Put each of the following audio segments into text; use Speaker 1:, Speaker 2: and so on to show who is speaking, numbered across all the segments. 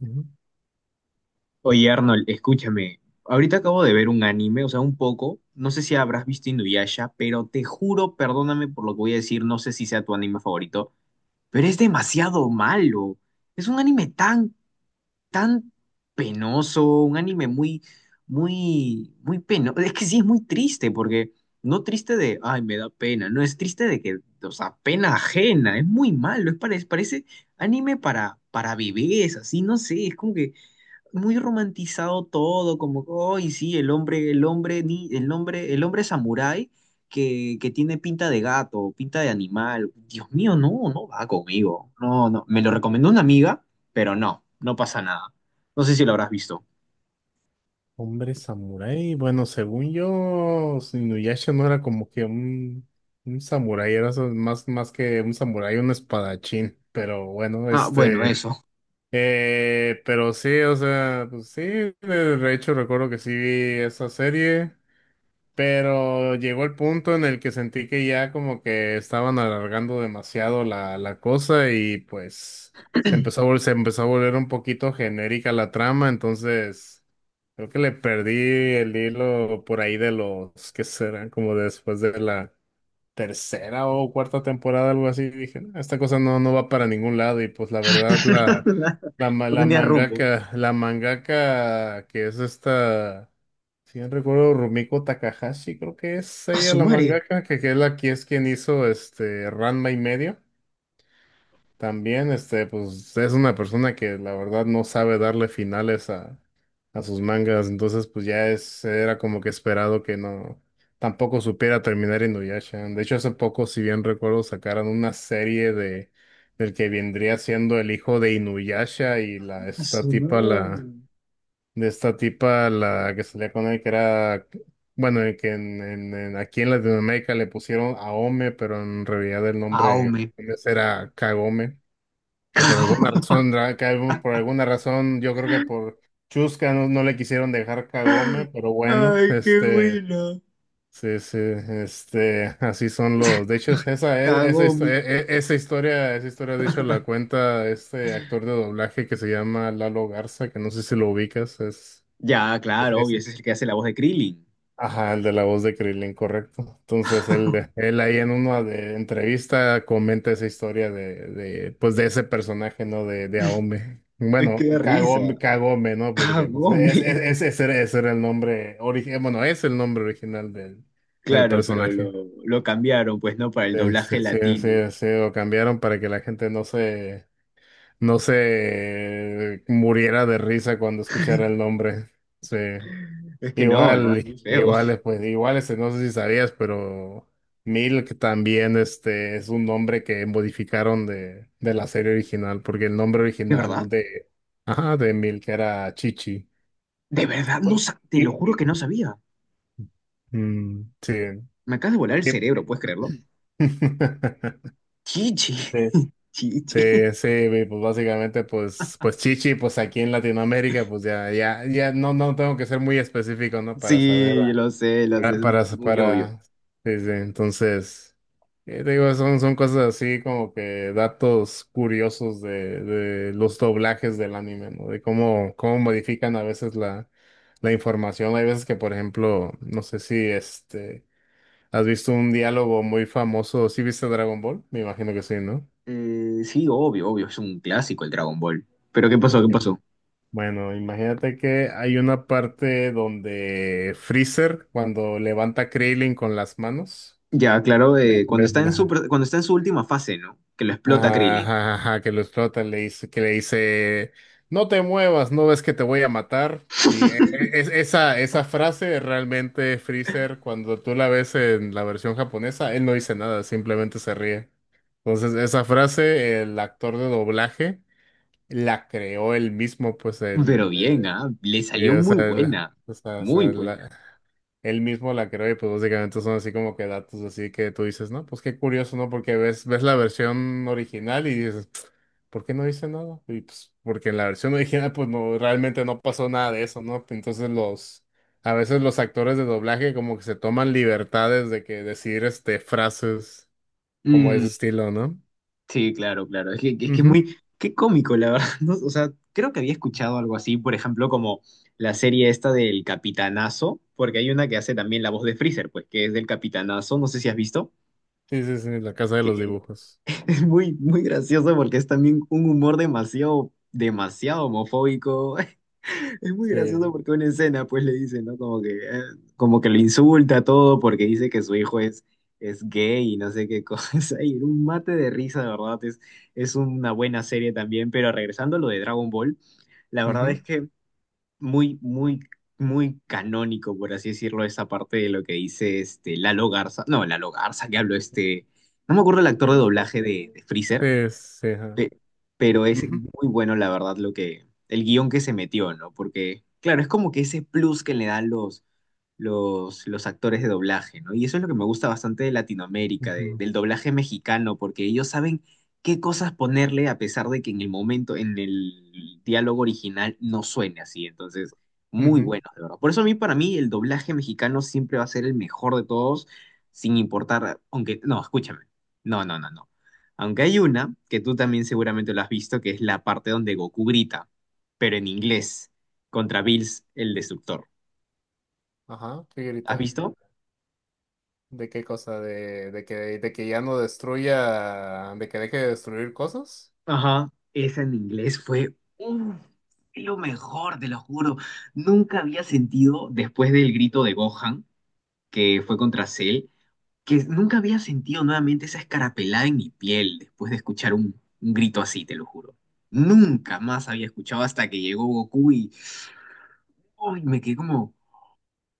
Speaker 1: Ujú.
Speaker 2: Oye, Arnold, escúchame. Ahorita acabo de ver un anime, o sea, un poco. No sé si habrás visto Inuyasha, pero te juro, perdóname por lo que voy a decir, no sé si sea tu anime favorito, pero es demasiado malo. Es un anime tan, tan penoso, un anime muy, muy, muy penoso. Es que sí, es muy triste, porque no triste de, ay, me da pena, no, es triste de que, o sea, pena ajena, es muy malo, es parece anime para bebés, así, no sé, es como que muy romantizado todo, como, hoy sí, el hombre, ni, el hombre samurái que tiene pinta de gato, pinta de animal. Dios mío, no, no va conmigo. No, no. Me lo recomendó una amiga, pero no, no pasa nada. No sé si lo habrás visto.
Speaker 1: Hombre samurái, bueno, según yo, Inuyasha no era como que un samurái, era más que un samurái, un espadachín, pero bueno,
Speaker 2: Ah, bueno, eso.
Speaker 1: pero sí, o sea, pues sí, de hecho recuerdo que sí vi esa serie, pero llegó el punto en el que sentí que ya como que estaban alargando demasiado la cosa y pues se empezó a volver un poquito genérica la trama, entonces creo que le perdí el hilo por ahí de los que serán como después de la tercera o cuarta temporada, algo así. Dije, "No, esta cosa no, no va para ningún lado y pues la verdad
Speaker 2: No
Speaker 1: la
Speaker 2: tenía rumbo.
Speaker 1: mangaka, la mangaka que es esta... Si bien recuerdo, Rumiko Takahashi, creo que es
Speaker 2: A
Speaker 1: ella
Speaker 2: su
Speaker 1: la
Speaker 2: madre.
Speaker 1: mangaka, que es la que es quien hizo este Ranma y medio. También, este, pues es una persona que la verdad no sabe darle finales a sus mangas, entonces pues ya es, era como que esperado que no, tampoco supiera terminar Inuyasha. De hecho, hace poco, si bien recuerdo, sacaron una serie de del que vendría siendo el hijo de Inuyasha y la
Speaker 2: A
Speaker 1: esta
Speaker 2: su
Speaker 1: tipa
Speaker 2: no.
Speaker 1: la de esta tipa, la que salía con él, que era, bueno, en que en- aquí en Latinoamérica le pusieron Aome, pero en realidad el nombre
Speaker 2: Aome.
Speaker 1: japonés era Kagome, que por alguna razón, por alguna razón, yo creo que por Chusca no, no le quisieron dejar Kagome, pero bueno,
Speaker 2: Ay, qué
Speaker 1: este,
Speaker 2: buena.
Speaker 1: sí, sí, este, así son los, de hecho, es- esa, histo-
Speaker 2: Cagome.
Speaker 1: e- e- esa historia, de hecho, la cuenta este actor de doblaje que se llama Lalo Garza, que no sé si lo ubicas, es...
Speaker 2: Ya, claro, obvio, ese es el que hace la voz de Krillin.
Speaker 1: Ajá, el de la voz de Krillin, correcto. Entonces, él ahí en entrevista comenta esa historia de ese personaje, ¿no? De Aome.
Speaker 2: Es que
Speaker 1: Bueno,
Speaker 2: da risa.
Speaker 1: Kagome, ¿no?
Speaker 2: Ah,
Speaker 1: Porque pues,
Speaker 2: Gómez.
Speaker 1: ese era el nombre original, bueno, es el nombre original del
Speaker 2: Claro, pero lo,
Speaker 1: personaje.
Speaker 2: lo cambiaron, pues no, para el
Speaker 1: Sí, sí,
Speaker 2: doblaje
Speaker 1: sí, sí,
Speaker 2: latino.
Speaker 1: sí, lo cambiaron para que la gente no no se muriera de risa cuando escuchara el nombre. Sí.
Speaker 2: Es que no, no, es
Speaker 1: Igual,
Speaker 2: muy feo.
Speaker 1: igual, pues igual, este, no sé si sabías, pero Milk también este, es un nombre que modificaron de la serie original, porque el nombre
Speaker 2: ¿De
Speaker 1: original
Speaker 2: verdad?
Speaker 1: de, ajá, de Milk era Chichi.
Speaker 2: ¿De verdad? No,
Speaker 1: Uy,
Speaker 2: te lo
Speaker 1: y-
Speaker 2: juro que no sabía.
Speaker 1: Mm, sí.
Speaker 2: Me acabas de volar el
Speaker 1: y-
Speaker 2: cerebro, ¿puedes creerlo? Chichi,
Speaker 1: Sí. Sí,
Speaker 2: chichi.
Speaker 1: sí, y pues básicamente, pues Chichi, pues aquí en Latinoamérica, pues ya no, no tengo que ser muy específico, ¿no? Para saber.
Speaker 2: Sí, lo sé,
Speaker 1: Para,
Speaker 2: es muy,
Speaker 1: para,
Speaker 2: muy obvio.
Speaker 1: para- sí, sí, entonces, te digo, son cosas así como que datos curiosos de los doblajes del anime, ¿no? De cómo, cómo modifican a veces la información. Hay veces que, por ejemplo, no sé si este, has visto un diálogo muy famoso, ¿sí viste Dragon Ball? Me imagino que sí, ¿no?
Speaker 2: Sí, obvio, obvio, es un clásico el Dragon Ball. Pero ¿qué pasó?
Speaker 1: Ok.
Speaker 2: ¿Qué pasó?
Speaker 1: Bueno, imagínate que hay una parte donde Freezer, cuando levanta a Krillin con las manos,
Speaker 2: Ya, claro,
Speaker 1: de-
Speaker 2: cuando
Speaker 1: de-
Speaker 2: está en su,
Speaker 1: de-
Speaker 2: cuando está en su última fase, ¿no? Que lo explota
Speaker 1: Ajá,
Speaker 2: Krillin.
Speaker 1: ajá, ajá, que lo explota, le dice, no te muevas, no ves que te voy a matar. Y esa frase realmente Freezer, cuando tú la ves en la versión japonesa, él no dice nada, simplemente se ríe. Entonces, esa frase, el actor de doblaje la creó él mismo, pues el,
Speaker 2: Pero bien, ¿ah? Le
Speaker 1: sí,
Speaker 2: salió muy buena,
Speaker 1: o sea, o
Speaker 2: muy
Speaker 1: sea, la-
Speaker 2: buena.
Speaker 1: él mismo la creó y pues básicamente son así como que datos así que tú dices, no, pues qué curioso, ¿no? Porque ves la versión original y dices, ¿por qué no dice nada? Y pues porque en la versión original pues no, realmente no pasó nada de eso, ¿no? A veces los actores de doblaje como que se toman libertades de que decir este frases como ese
Speaker 2: Mm,
Speaker 1: estilo, ¿no?
Speaker 2: Sí, claro, claro. Es que, es que es
Speaker 1: Ujú.
Speaker 2: muy, qué cómico, la verdad. ¿No? O sea, creo que había escuchado algo así, por ejemplo, como la serie esta del Capitanazo, porque hay una que hace también la voz de Freezer, pues, que es del Capitanazo, no sé si has visto,
Speaker 1: Sí, sí, sí, la casa de los
Speaker 2: que
Speaker 1: dibujos.
Speaker 2: es muy, muy gracioso porque es también un humor demasiado, demasiado homofóbico. Es muy
Speaker 1: Sí.
Speaker 2: gracioso porque una escena, pues le dice, ¿no? Como que lo insulta todo porque dice que su hijo es gay y no sé qué cosa. Y un mate de risa, de verdad, es una buena serie también. Pero regresando a lo de Dragon Ball, la verdad es
Speaker 1: Ujú.
Speaker 2: que muy, muy, muy canónico, por así decirlo, esa parte de lo que dice este Lalo Garza. No, Lalo Garza, que habló este. No me acuerdo el actor de
Speaker 1: Eso.
Speaker 2: doblaje de Freezer.
Speaker 1: Sí, sí, ajá.
Speaker 2: Pe- pero es
Speaker 1: Ujú,
Speaker 2: muy bueno, la verdad, lo que, el guión que se metió, ¿no? Porque, claro, es como que ese plus que le dan los actores de doblaje, ¿no? Y eso es lo que me gusta bastante de Latinoamérica,
Speaker 1: ujú,
Speaker 2: del doblaje mexicano, porque ellos saben qué cosas ponerle a pesar de que en el momento, en el diálogo original, no suene así. Entonces, muy
Speaker 1: ujú.
Speaker 2: buenos, de verdad. Por eso a mí, para mí, el doblaje mexicano siempre va a ser el mejor de todos, sin importar, aunque, no, escúchame, no, no, no, no. Aunque hay una, que tú también seguramente lo has visto, que es la parte donde Goku grita, pero en inglés, contra Bills el Destructor.
Speaker 1: Ajá,
Speaker 2: ¿Has
Speaker 1: figurita.
Speaker 2: visto?
Speaker 1: ¿De qué cosa? De que ya no destruya, de que deje de destruir cosas?
Speaker 2: Ajá, esa en inglés fue uf, lo mejor, te lo juro. Nunca había sentido, después del grito de Gohan, que fue contra Cell, que nunca había sentido nuevamente esa escarapelada en mi piel después de escuchar un grito así, te lo juro. Nunca más había escuchado hasta que llegó Goku y uy, me quedé como,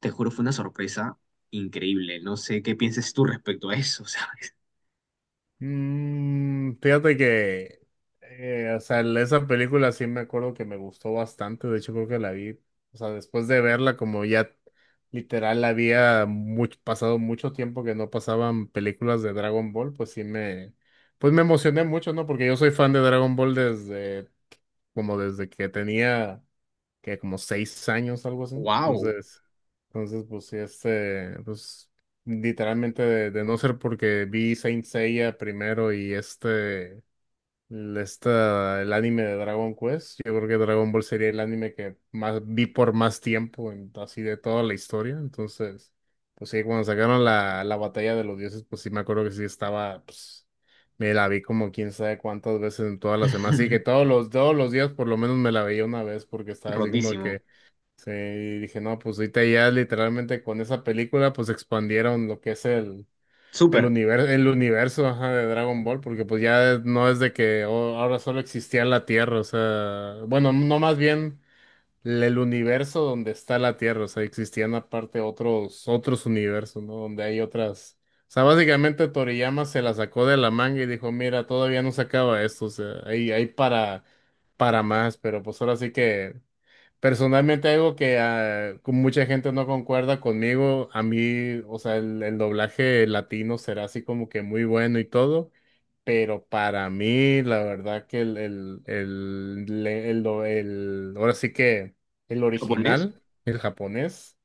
Speaker 2: te juro, fue una sorpresa increíble. No sé qué pienses tú respecto a eso, ¿sabes?
Speaker 1: Mm, fíjate que, o sea, esa película sí me acuerdo que me gustó bastante. De hecho, creo que la vi, o sea, después de verla, como ya literal había mucho, pasado mucho tiempo que no pasaban películas de Dragon Ball, pues sí me, pues me emocioné mucho, ¿no? Porque yo soy fan de Dragon Ball desde, como desde que tenía. Que como 6 años, algo así.
Speaker 2: ¡Wow!
Speaker 1: Entonces, entonces pues sí, este, pues literalmente de no ser porque vi Saint Seiya primero y este, el anime de Dragon Quest, yo creo que Dragon Ball sería el anime que más vi por más tiempo, en- así de toda la historia. Entonces, pues sí, cuando sacaron la batalla de los dioses, pues sí me acuerdo que sí estaba, pues, me la vi como quién sabe cuántas veces en todas las semanas. Así que todos los días por lo menos me la veía una vez porque estaba así como
Speaker 2: Rotísimo.
Speaker 1: que sí, y dije, no, pues ahorita ya literalmente con esa película pues expandieron lo que es el,
Speaker 2: Súper.
Speaker 1: el universo, ajá, de Dragon Ball, porque pues ya no es de que oh, ahora solo existía la Tierra, o sea, bueno, no más bien el universo donde está la Tierra, o sea, existían aparte otros, otros universos, ¿no? Donde hay otras, o sea, básicamente Toriyama se la sacó de la manga y dijo, mira, todavía no se acaba esto, o sea, hay para más, pero pues ahora sí que... Personalmente algo que ah, con mucha gente no concuerda conmigo, a mí, o sea, el doblaje latino será así como que muy bueno y todo, pero para mí la verdad que el, le- el do- el- ahora sí que el
Speaker 2: ¿Lo pones?
Speaker 1: original, el japonés,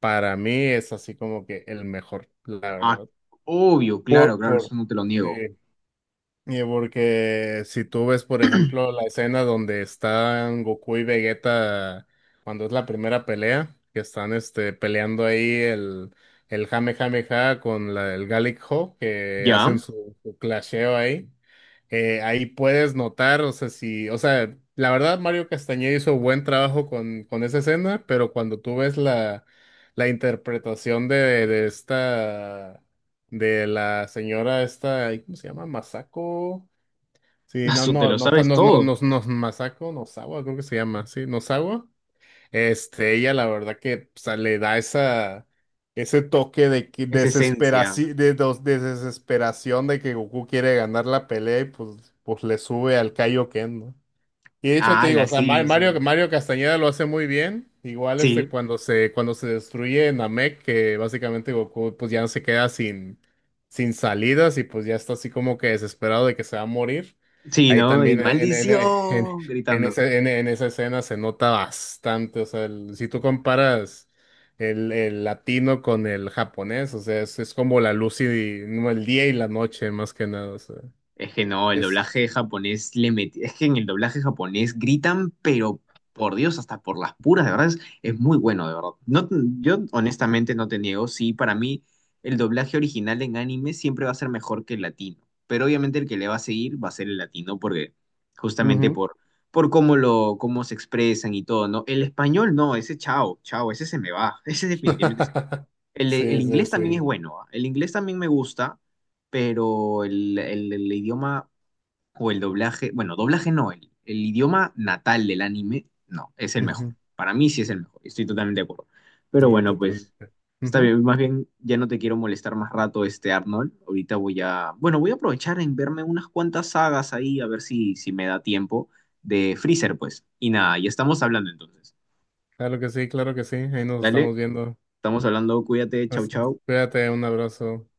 Speaker 1: para mí es así como que el mejor, la
Speaker 2: Ah,
Speaker 1: verdad.
Speaker 2: obvio,
Speaker 1: Por,
Speaker 2: claro, claro,
Speaker 1: por,
Speaker 2: eso no te lo
Speaker 1: sí,
Speaker 2: niego.
Speaker 1: y porque si tú ves, por ejemplo, la escena donde están Goku y Vegeta cuando es la primera pelea, que están este peleando ahí el Kamehameha con la, el Gallic Ho, que
Speaker 2: Ya,
Speaker 1: hacen su clasheo ahí. Ahí puedes notar, o sea, si, o sea, la verdad Mario Castañeda hizo buen trabajo con esa escena, pero cuando tú ves la interpretación de la señora esta, ay, ¿cómo se llama? Masako. Sí, no,
Speaker 2: Asu, te
Speaker 1: no,
Speaker 2: lo
Speaker 1: no,
Speaker 2: sabes
Speaker 1: no, no,
Speaker 2: todo.
Speaker 1: no, no, Masako, Nozawa, creo que se llama, sí, Nozawa. Este, ella la verdad que, o sea, le da ese toque de que
Speaker 2: Es esencia.
Speaker 1: desesperaci- de, dos- de desesperación de que Goku quiere ganar la pelea y pues le sube al Kaioken, ¿no? Y de hecho te digo,
Speaker 2: Ala,
Speaker 1: o sea,
Speaker 2: sí, sí.
Speaker 1: Mario Castañeda lo hace muy bien. Igual este
Speaker 2: Sí,
Speaker 1: cuando se destruye Namek, que básicamente Goku pues ya no se queda sin, sin salidas y pues ya está así como que desesperado de que se va a morir.
Speaker 2: sí,
Speaker 1: Ahí
Speaker 2: ¿no? Y
Speaker 1: también
Speaker 2: maldición, gritando.
Speaker 1: en esa escena se nota bastante. O sea, el- si tú comparas el latino con el japonés, o sea, es como la luz y no, el día y la noche, más que nada. O sea,
Speaker 2: Es que no, el
Speaker 1: es.
Speaker 2: doblaje japonés es que en el doblaje japonés gritan, pero por Dios, hasta por las puras, de verdad, es muy bueno, de verdad. No, yo honestamente no te niego, sí, para mí el doblaje original en anime siempre va a ser mejor que el latino, pero obviamente el que le va a seguir va a ser el latino, porque justamente por cómo lo, cómo se expresan y todo, ¿no? El español no, ese chao, chao, ese se me va, ese definitivamente el
Speaker 1: Sí, sí,
Speaker 2: inglés también es
Speaker 1: sí.
Speaker 2: bueno, ¿ah? El inglés también me gusta, pero el, el idioma o el doblaje, bueno, doblaje no, el idioma natal del anime, no, es el mejor.
Speaker 1: Ujú,
Speaker 2: Para mí sí es el mejor, estoy totalmente de acuerdo. Pero
Speaker 1: sí,
Speaker 2: bueno, pues
Speaker 1: totalmente.
Speaker 2: está
Speaker 1: Ujú.
Speaker 2: bien, más bien ya no te quiero molestar más rato, este Arnold. Ahorita voy a, bueno, voy a aprovechar en verme unas cuantas sagas ahí, a ver si, si me da tiempo de Freezer, pues. Y nada, ya estamos hablando entonces.
Speaker 1: Claro que sí, claro que sí. Ahí nos
Speaker 2: Dale,
Speaker 1: estamos viendo.
Speaker 2: estamos hablando, cuídate, chau,
Speaker 1: Hasta-
Speaker 2: chau.
Speaker 1: cuídate, un abrazo.